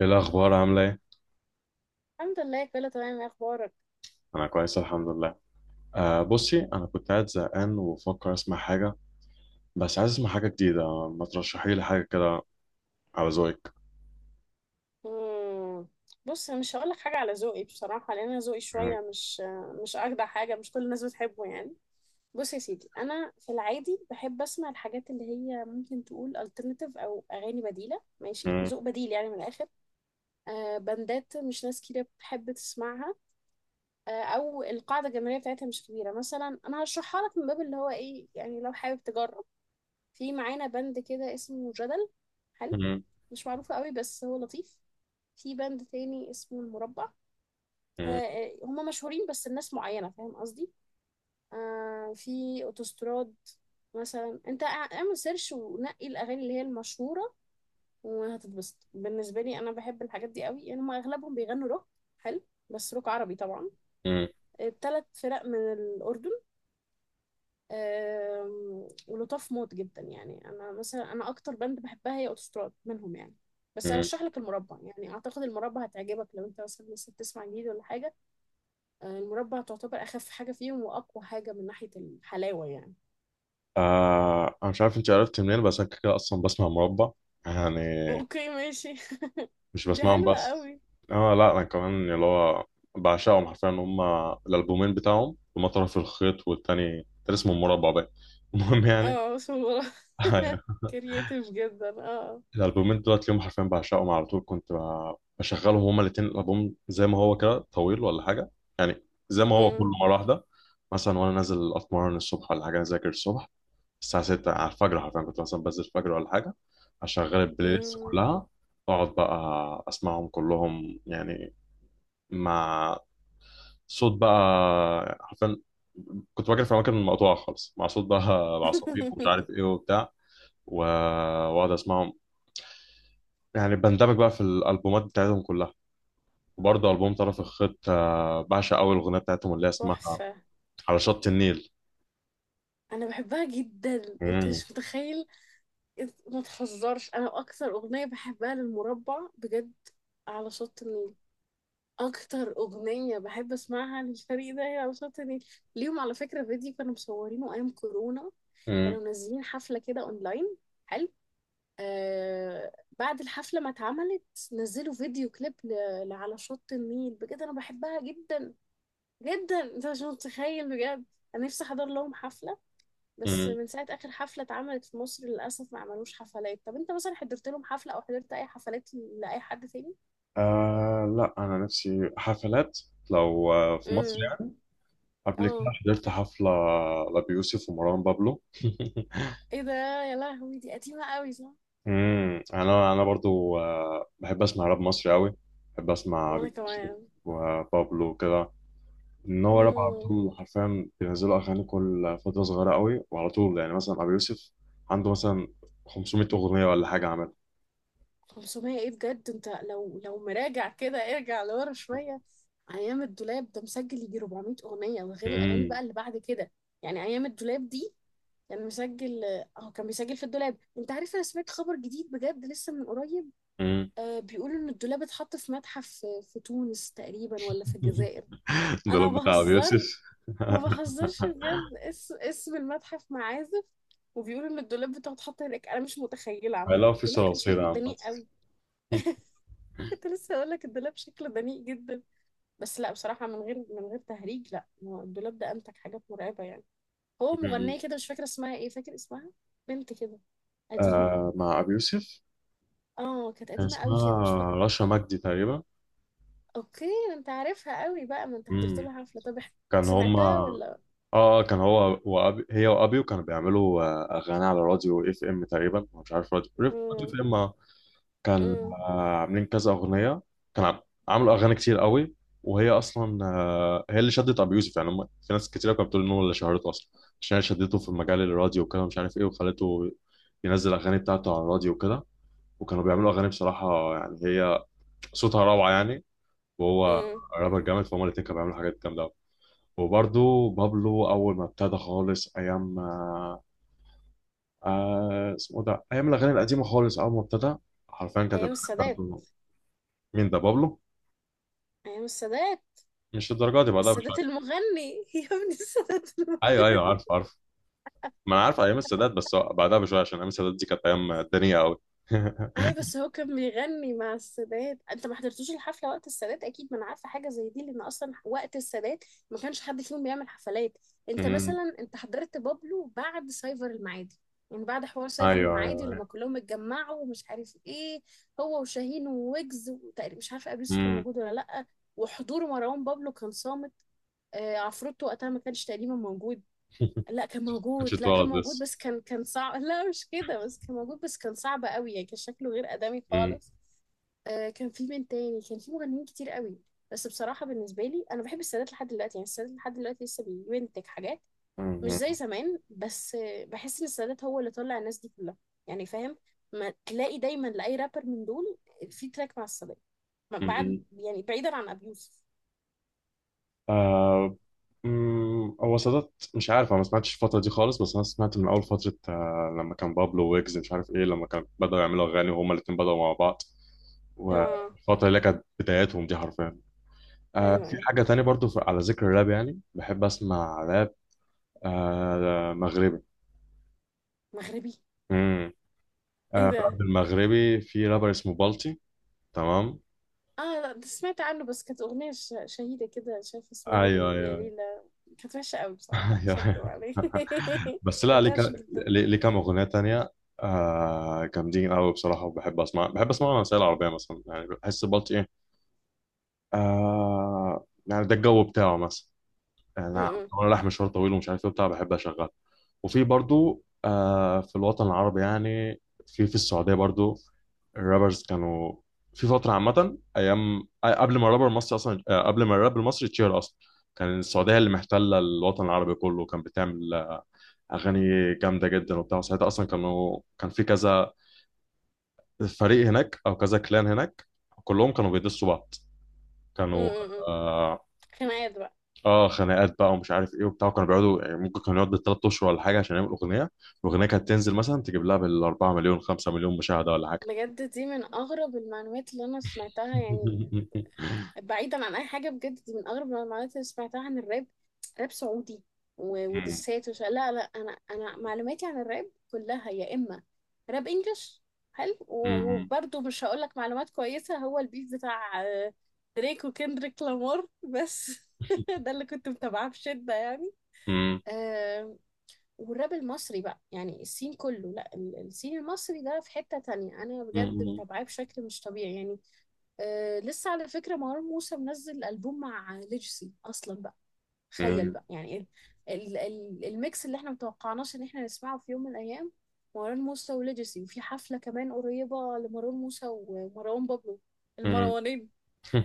ايه الاخبار؟ عامله ايه؟ الحمد لله كله تمام. ايه اخبارك؟ انا كويس الحمد لله. بصي، انا كنت قاعد زهقان وبفكر اسمع حاجه. بس عايز اسمع حاجه جديده، ما ترشحي لي حاجه كده على ذوقك؟ مم. بص، مش هقولك حاجه على ذوقي بصراحه، لان انا ذوقي مم. شويه مش اجدع حاجه، مش كل الناس بتحبه يعني. بص يا سيدي، انا في العادي بحب اسمع الحاجات اللي هي ممكن تقول alternative او اغاني بديله، ماشي؟ مم. ذوق بديل يعني من الاخر. بندات مش ناس كتير بتحب تسمعها. او القاعده الجماهيريه بتاعتها مش كبيره. مثلا انا هشرحها لك من باب اللي هو ايه، يعني لو حابب تجرب. في معانا بند كده اسمه جدل، حلو، مم. مش معروف قوي بس هو لطيف. في باند تاني اسمه المربع. مم. هما مشهورين بس الناس معينة، فاهم قصدي؟ في اوتوستراد. مثلا انت اعمل سيرش ونقي الاغاني اللي هي المشهورة وهتتبسط. بالنسبة لي انا بحب الحاجات دي قوي يعني. هما اغلبهم بيغنوا روك، حلو، بس روك عربي طبعا. مم. الثلاث فرق من الاردن. ولطاف موت جدا يعني. انا مثلا انا اكتر باند بحبها هي اوتوستراد منهم يعني. بس مم. ارشح لك المربع، يعني اعتقد المربع هتعجبك لو انت مثلا لسه بتسمع جديد ولا حاجة. المربى تعتبر اخف حاجه فيهم واقوى حاجه من ناحيه الحلاوه يعني. انا مش عارف انت عرفت منين، بس انا كده كده اصلا بسمع مربع يعني. اوكي ماشي. مش دي بسمعهم حلوه بس. قوي. اه، لا انا كمان اللي هو بعشقهم حرفيا هم. الالبومين بتاعهم هما طرف الخيط، والتاني كان اسمه مربع بقى. المهم يعني. اه صورة. أيوه. كرييتيف جدا اه. الالبومين دلوقتي اليوم حرفيا بعشقهم على طول، كنت بشغلهم هما الاتنين، الالبوم زي ما هو كده طويل ولا حاجه يعني، زي ما هو كله مم. مره واحده. مثلا وانا نازل اتمرن الصبح ولا حاجه، اذاكر الصبح الساعه 6 على الفجر، حرفيا كنت مثلا بنزل الفجر ولا حاجه اشغل البلاي ليست مم. كلها، واقعد بقى اسمعهم كلهم يعني، مع صوت بقى حرفيا. كنت بجري في اماكن مقطوعه خالص مع صوت بقى عصافير ومش عارف ايه وبتاع و- واقعد اسمعهم يعني، بندمج بقى في الالبومات بتاعتهم كلها. وبرضه البوم طرف الخيط بعشق اول اغنيه بتاعتهم اللي هي اسمها تحفه. على شط النيل. انا بحبها جدا انت مم. مش متخيل. انت ما تهزرش، انا اكتر اغنيه بحبها للمربع بجد على شط النيل. اكتر اغنيه بحب اسمعها للفريق ده هي على شط النيل. ليهم على فكره فيديو كانوا مصورينه ايام كورونا. كانوا مم. منزلين حفلة كده اونلاين، حلو. آه، بعد الحفلة ما اتعملت نزلوا فيديو كليب لعلى شط النيل. بجد انا بحبها جدا جدا، انت مش متخيل بجد. انا نفسي احضر لهم حفلة، بس مم. من ساعة اخر حفلة اتعملت في مصر للاسف ما عملوش حفلات. طب انت مثلا حضرت لهم حفلة او حضرت اي حفلات لاي حد تاني؟ آه، لا انا نفسي حفلات لو في مصر امم، يعني. قبل اه، كده حضرت حفله لأبي يوسف ومروان بابلو. ايه ده؟ يا لهوي دي قديمة قوي صح؟ مم. انا برضو بحب اسمع راب مصري قوي. بحب اسمع وانا أبي يوسف كمان. وبابلو كده. ان هو راب على امم. طول حرفيا، بينزلوا اغاني كل فتره صغيره قوي وعلى طول يعني، مثلا ابو يوسف عنده مثلا 500 اغنيه ولا حاجه عملها. 500 ايه بجد؟ انت لو مراجع كده ارجع لورا شوية. ايام الدولاب ده مسجل يجي 400 اغنية، وغير الاغاني امم. بقى اللي بعد كده. يعني ايام الدولاب دي كان مسجل، اه كان بيسجل في الدولاب. انت عارف انا سمعت خبر جديد بجد لسه من قريب؟ امم. بيقولوا ان الدولاب اتحط في متحف في في تونس تقريبا ولا في الجزائر. ده انا لو ما بتاع ابو يوسف. بهزر، ما بهزرش بجد. اسم اسم المتحف معازف، وبيقولوا ان الدولاب بتاعه اتحط هناك. انا مش متخيله، عموما علاقه في الدولاب كان صراصير شكله عامه. دنيء قوي. كنت لسه هقول لك الدولاب شكله دنيء جدا. بس لا بصراحة، من غير تهريج، لا هو الدولاب ده أمتك حاجات مرعبة يعني. هو مغنية كده مش فاكرة اسمها ايه، فاكر اسمها؟ بنت كده قديمة. مع ابو يوسف، اه كانت كان قديمة قوي كده، مش فاكرة. اسمها رشا مجدي تقريبا. اوكي ده انت عارفها قوي بقى، ما انت حضرت امم. لها حفلة. طب كان هما سمعتها ولا؟ كان هو وأبي هي وابيو كانوا بيعملوا اغاني على راديو اف ام تقريبا، مش عارف راديو اف مم. ام، كان مم. عاملين كذا اغنيه. كان عم- عملوا اغاني كتير قوي. وهي اصلا هي اللي شدت ابو يوسف يعني، هم في ناس كتير كانت بتقول ان هو اللي شهرته اصلا، عشان هي شدته في مجال الراديو وكده مش عارف ايه، وخلته ينزل اغاني بتاعته على الراديو وكده. وكانوا بيعملوا اغاني بصراحه يعني، هي صوتها روعه يعني، وهو مم. رابر جامد، فهم الاتنين كانوا بيعملوا حاجات جامده أوي. وبرضه بابلو اول ما ابتدى خالص، ايام اسمه ده، ايام الاغاني القديمه خالص، اول ما ابتدى حرفيا كانت ايام الأغاني السادات. بتاعته. مين ده، بابلو؟ ايام السادات. مش الدرجه دي، بعدها السادات بشويه. المغني يا ابني، السادات ايوه ايوه، المغني. عارف عارف، ما انا عارف ايام السادات، بس هو بعدها بشويه، عشان ايام السادات دي كانت ايام الدنيا قوي. ايوه بس هو كان بيغني مع السادات. انت ما حضرتوش الحفله وقت السادات اكيد، ما انا عارفه حاجه زي دي، لان اصلا وقت السادات ما كانش حد فيهم بيعمل حفلات. انت امم. مثلا انت حضرت بابلو بعد سايفر المعادي؟ يعني بعد حوار سايفر ايوه المعادي لما ايوه. كلهم اتجمعوا ومش عارف ايه، هو وشاهين وويجز، وتقريبا مش عارفه ابي يوسف كان امم. موجود ولا لا. وحضور مروان بابلو كان صامت. عفروتو وقتها ما كانش تقريبا موجود. لا كان كنتش موجود، لا كان اتولد موجود لسه. بس كان صعب. لا مش كده، بس كان موجود بس كان صعب قوي يعني، كان شكله غير آدمي امم. خالص. آه كان في من تاني، كان في مغنيين كتير قوي. بس بصراحة بالنسبة لي أنا بحب السادات لحد دلوقتي يعني. السادات لحد دلوقتي لسه بينتج حاجات، مش امم. زي زمان بس، بحس إن السادات هو اللي طلع الناس دي كلها. يعني فاهم؟ ما تلاقي دايما لأي رابر من دول في تراك مع السادات. بعد امم. يعني بعيدا عن أبي يوسف. آه، هو سادات مش عارف، انا ما سمعتش الفتره دي خالص، بس انا سمعت من اول فتره لما كان بابلو ويجز مش عارف ايه، لما كان بداوا يعملوا اغاني وهما الاثنين بداوا مع بعض، آه، والفتره اللي كانت بداياتهم دي حرفيا. أيوه في أيوه. حاجه تانية برضو على ذكر الراب يعني بحب اسمع راب. ده مغربي. مغربي. امم. إيه راب ده؟ المغربي في رابر اسمه بالتي. تمام. اه لا ده سمعت عنه، بس كانت أغنية شهيدة كده مش عارفة اسمها ايوه ايه، يا ايوه. ليلى. كانت وحشة قوي بصراحة، مش هكدب ايوه. عليك. بس لا كانت ليه وحشة ك- جدا. ليه ليه كام اغنيه تانية جامدين قوي بصراحه. وبحب اسمع بحب اسمع الروسيه العربيه مثلا، يعني بحس بالتي ايه يعني ده الجو بتاعه مثلا، يعني م- انا م- وانا رايح مشوار طويل ومش عارف ايه بتاع بحب اشغل. وفي برضو في الوطن العربي يعني، في السعوديه برضو، الرابرز كانوا في فترة عامة أيام قبل ما الرابر المصري أصلا، قبل ما الراب المصري يتشهر أصلا، كان السعودية اللي محتلة الوطن العربي كله، كان بتعمل أغاني جامدة جدا وبتاع. ساعتها أصلا كانوا، كان في كذا فريق هناك أو كذا كلان هناك، كلهم كانوا بيدسوا بعض، م- كانوا م- م. آه, خناقات بقى. خناقات بقى ومش عارف إيه وبتاع. كانوا بيقعدوا يعني، ممكن كانوا يقعدوا بال3 أشهر ولا حاجة عشان يعملوا أغنية، الأغنية كانت تنزل مثلا تجيب لها بال4 مليون 5 مليون مشاهدة ولا حاجة. بجد دي من أغرب المعلومات اللي أنا سمعتها يعني. بعيدا عن اي حاجه، بجد دي من اغرب المعلومات اللي سمعتها عن الراب. راب سعودي مم. ودسات وش؟ لا لا، انا انا معلوماتي عن الراب كلها يا اما راب انجلش، حلو، وبرضه مش هقول لك معلومات كويسه. هو البيف بتاع دريك وكندريك لامار بس. ده اللي كنت متابعاه بشده يعني. مم. آه. والراب المصري بقى يعني السين كله، لا السين المصري ده في حته تانية، انا بجد مم. متابعاه بشكل مش طبيعي يعني. آه لسه على فكرة مروان موسى منزل ألبوم مع ليجسي أصلا بقى، تخيل مم. بقى يعني. ال ال ال الميكس اللي احنا متوقعناش ان احنا نسمعه في يوم من الأيام، مروان موسى وليجسي. وفي حفلة كمان قريبة لمروان موسى ومروان بابلو، مم. المروانين.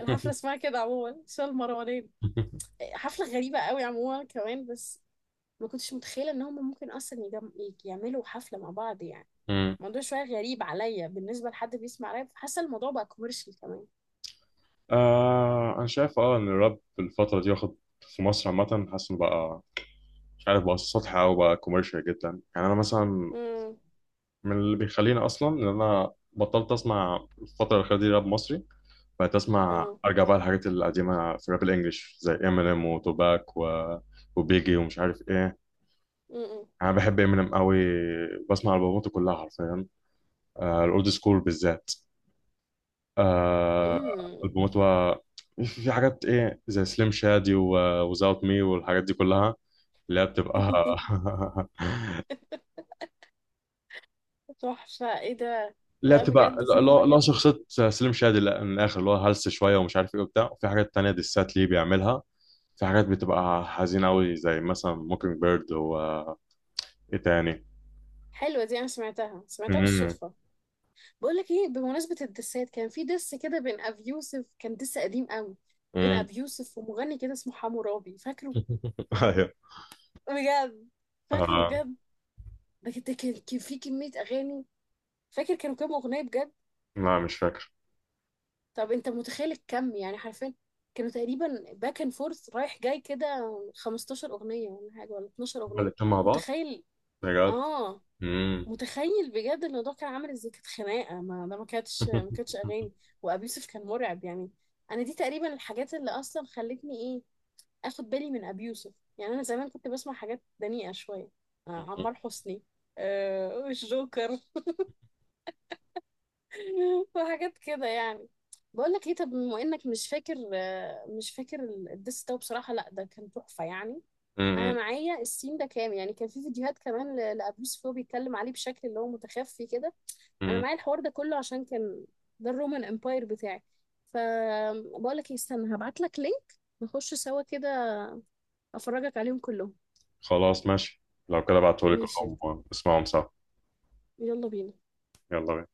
الحفلة اسمها كده عموما، اسمها المروانين. حفلة غريبة قوي عموما كمان، بس ما كنتش متخيلة ان هم ممكن أصلا يجم يعملوا حفلة مع بعض يعني. مم. الموضوع شوية غريب عليا، بالنسبة لحد بيسمع راب حاسة الموضوع بقى كوميرشال كمان. انا شايف ان الراب في الفتره دي واخد في مصر عامه، حاسس انه بقى مش عارف بقى سطحي او بقى كوميرشال جدا يعني. انا مثلا، امم. من اللي بيخليني اصلا ان انا بطلت اسمع الفتره الاخيره دي راب مصري، بقيت اسمع، اه. ارجع بقى الحاجات القديمه في الراب الانجليش زي امينيم وتوباك و... وبيجي ومش عارف ايه. م- انا بحب امينيم قوي، بسمع البوماته كلها حرفيا، الاولد سكول بالذات. م. آه م. البومات بقى في حاجات ايه زي سليم شادي وزاوت مي والحاجات دي كلها، اللي هي بتبقى تحفة، ايه ده؟ اللي هي لا بتبقى بجد اللي تحفة هو اللي هو جدا. شخصية سليم شادي. لا، من الآخر اللي هو هلس شوية ومش عارف ايه وبتاع. وفي حاجات تانية ديسات ليه بيعملها، في حاجات بتبقى حزينة أوي زي مثلا موكينج بيرد و ايه تاني. حلوة دي، انا سمعتها سمعتها مم. بالصدفة. بقول لك ايه، بمناسبة الدسات كان في دس كده بين ابي يوسف، كان دس قديم قوي، بين مم. ابي يوسف ومغني كده اسمه حمو رابي، فاكره؟ ايوه. بجد فاكره آه. بجد. بجد كان في كمية اغاني، فاكر كانوا كام اغنية بجد؟ لا مش فاكر. طب انت متخيل الكم يعني حرفيا. كانوا تقريبا باك اند فورث رايح جاي كده، 15 اغنية ولا حاجة، ولا 12 هما اغنية. الاتنين مع بعض. متخيل؟ بجد. اه مم. متخيل بجد. الموضوع كان عامل ازاي، كانت خناقه، ما ده ما كانتش اغاني. وابي يوسف كان مرعب يعني. انا دي تقريبا الحاجات اللي اصلا خلتني ايه، اخد بالي من ابي يوسف يعني. انا زمان كنت بسمع حاجات دنيئه شويه، آه عمار حسني، آه الجوكر، وحاجات كده يعني. بقول لك ايه، طب بما انك مش فاكر، آه مش فاكر الدس ده بصراحه، لا ده كان تحفه يعني. انا مم. معايا السين ده كام يعني، كان في فيديوهات كمان لابي يوسف وهو بيتكلم عليه بشكل اللي هو متخفي كده. انا مم. معايا الحوار ده كله، عشان كان ده الرومان امباير بتاعي. فبقول لك ايه، استنى هبعت لك لينك، نخش سوا كده، افرجك عليهم كلهم. خلاص ماشي، لو كده بعتهولي ماشي، كلهم واسمعهم سوا. يلا بينا. يلا بينا.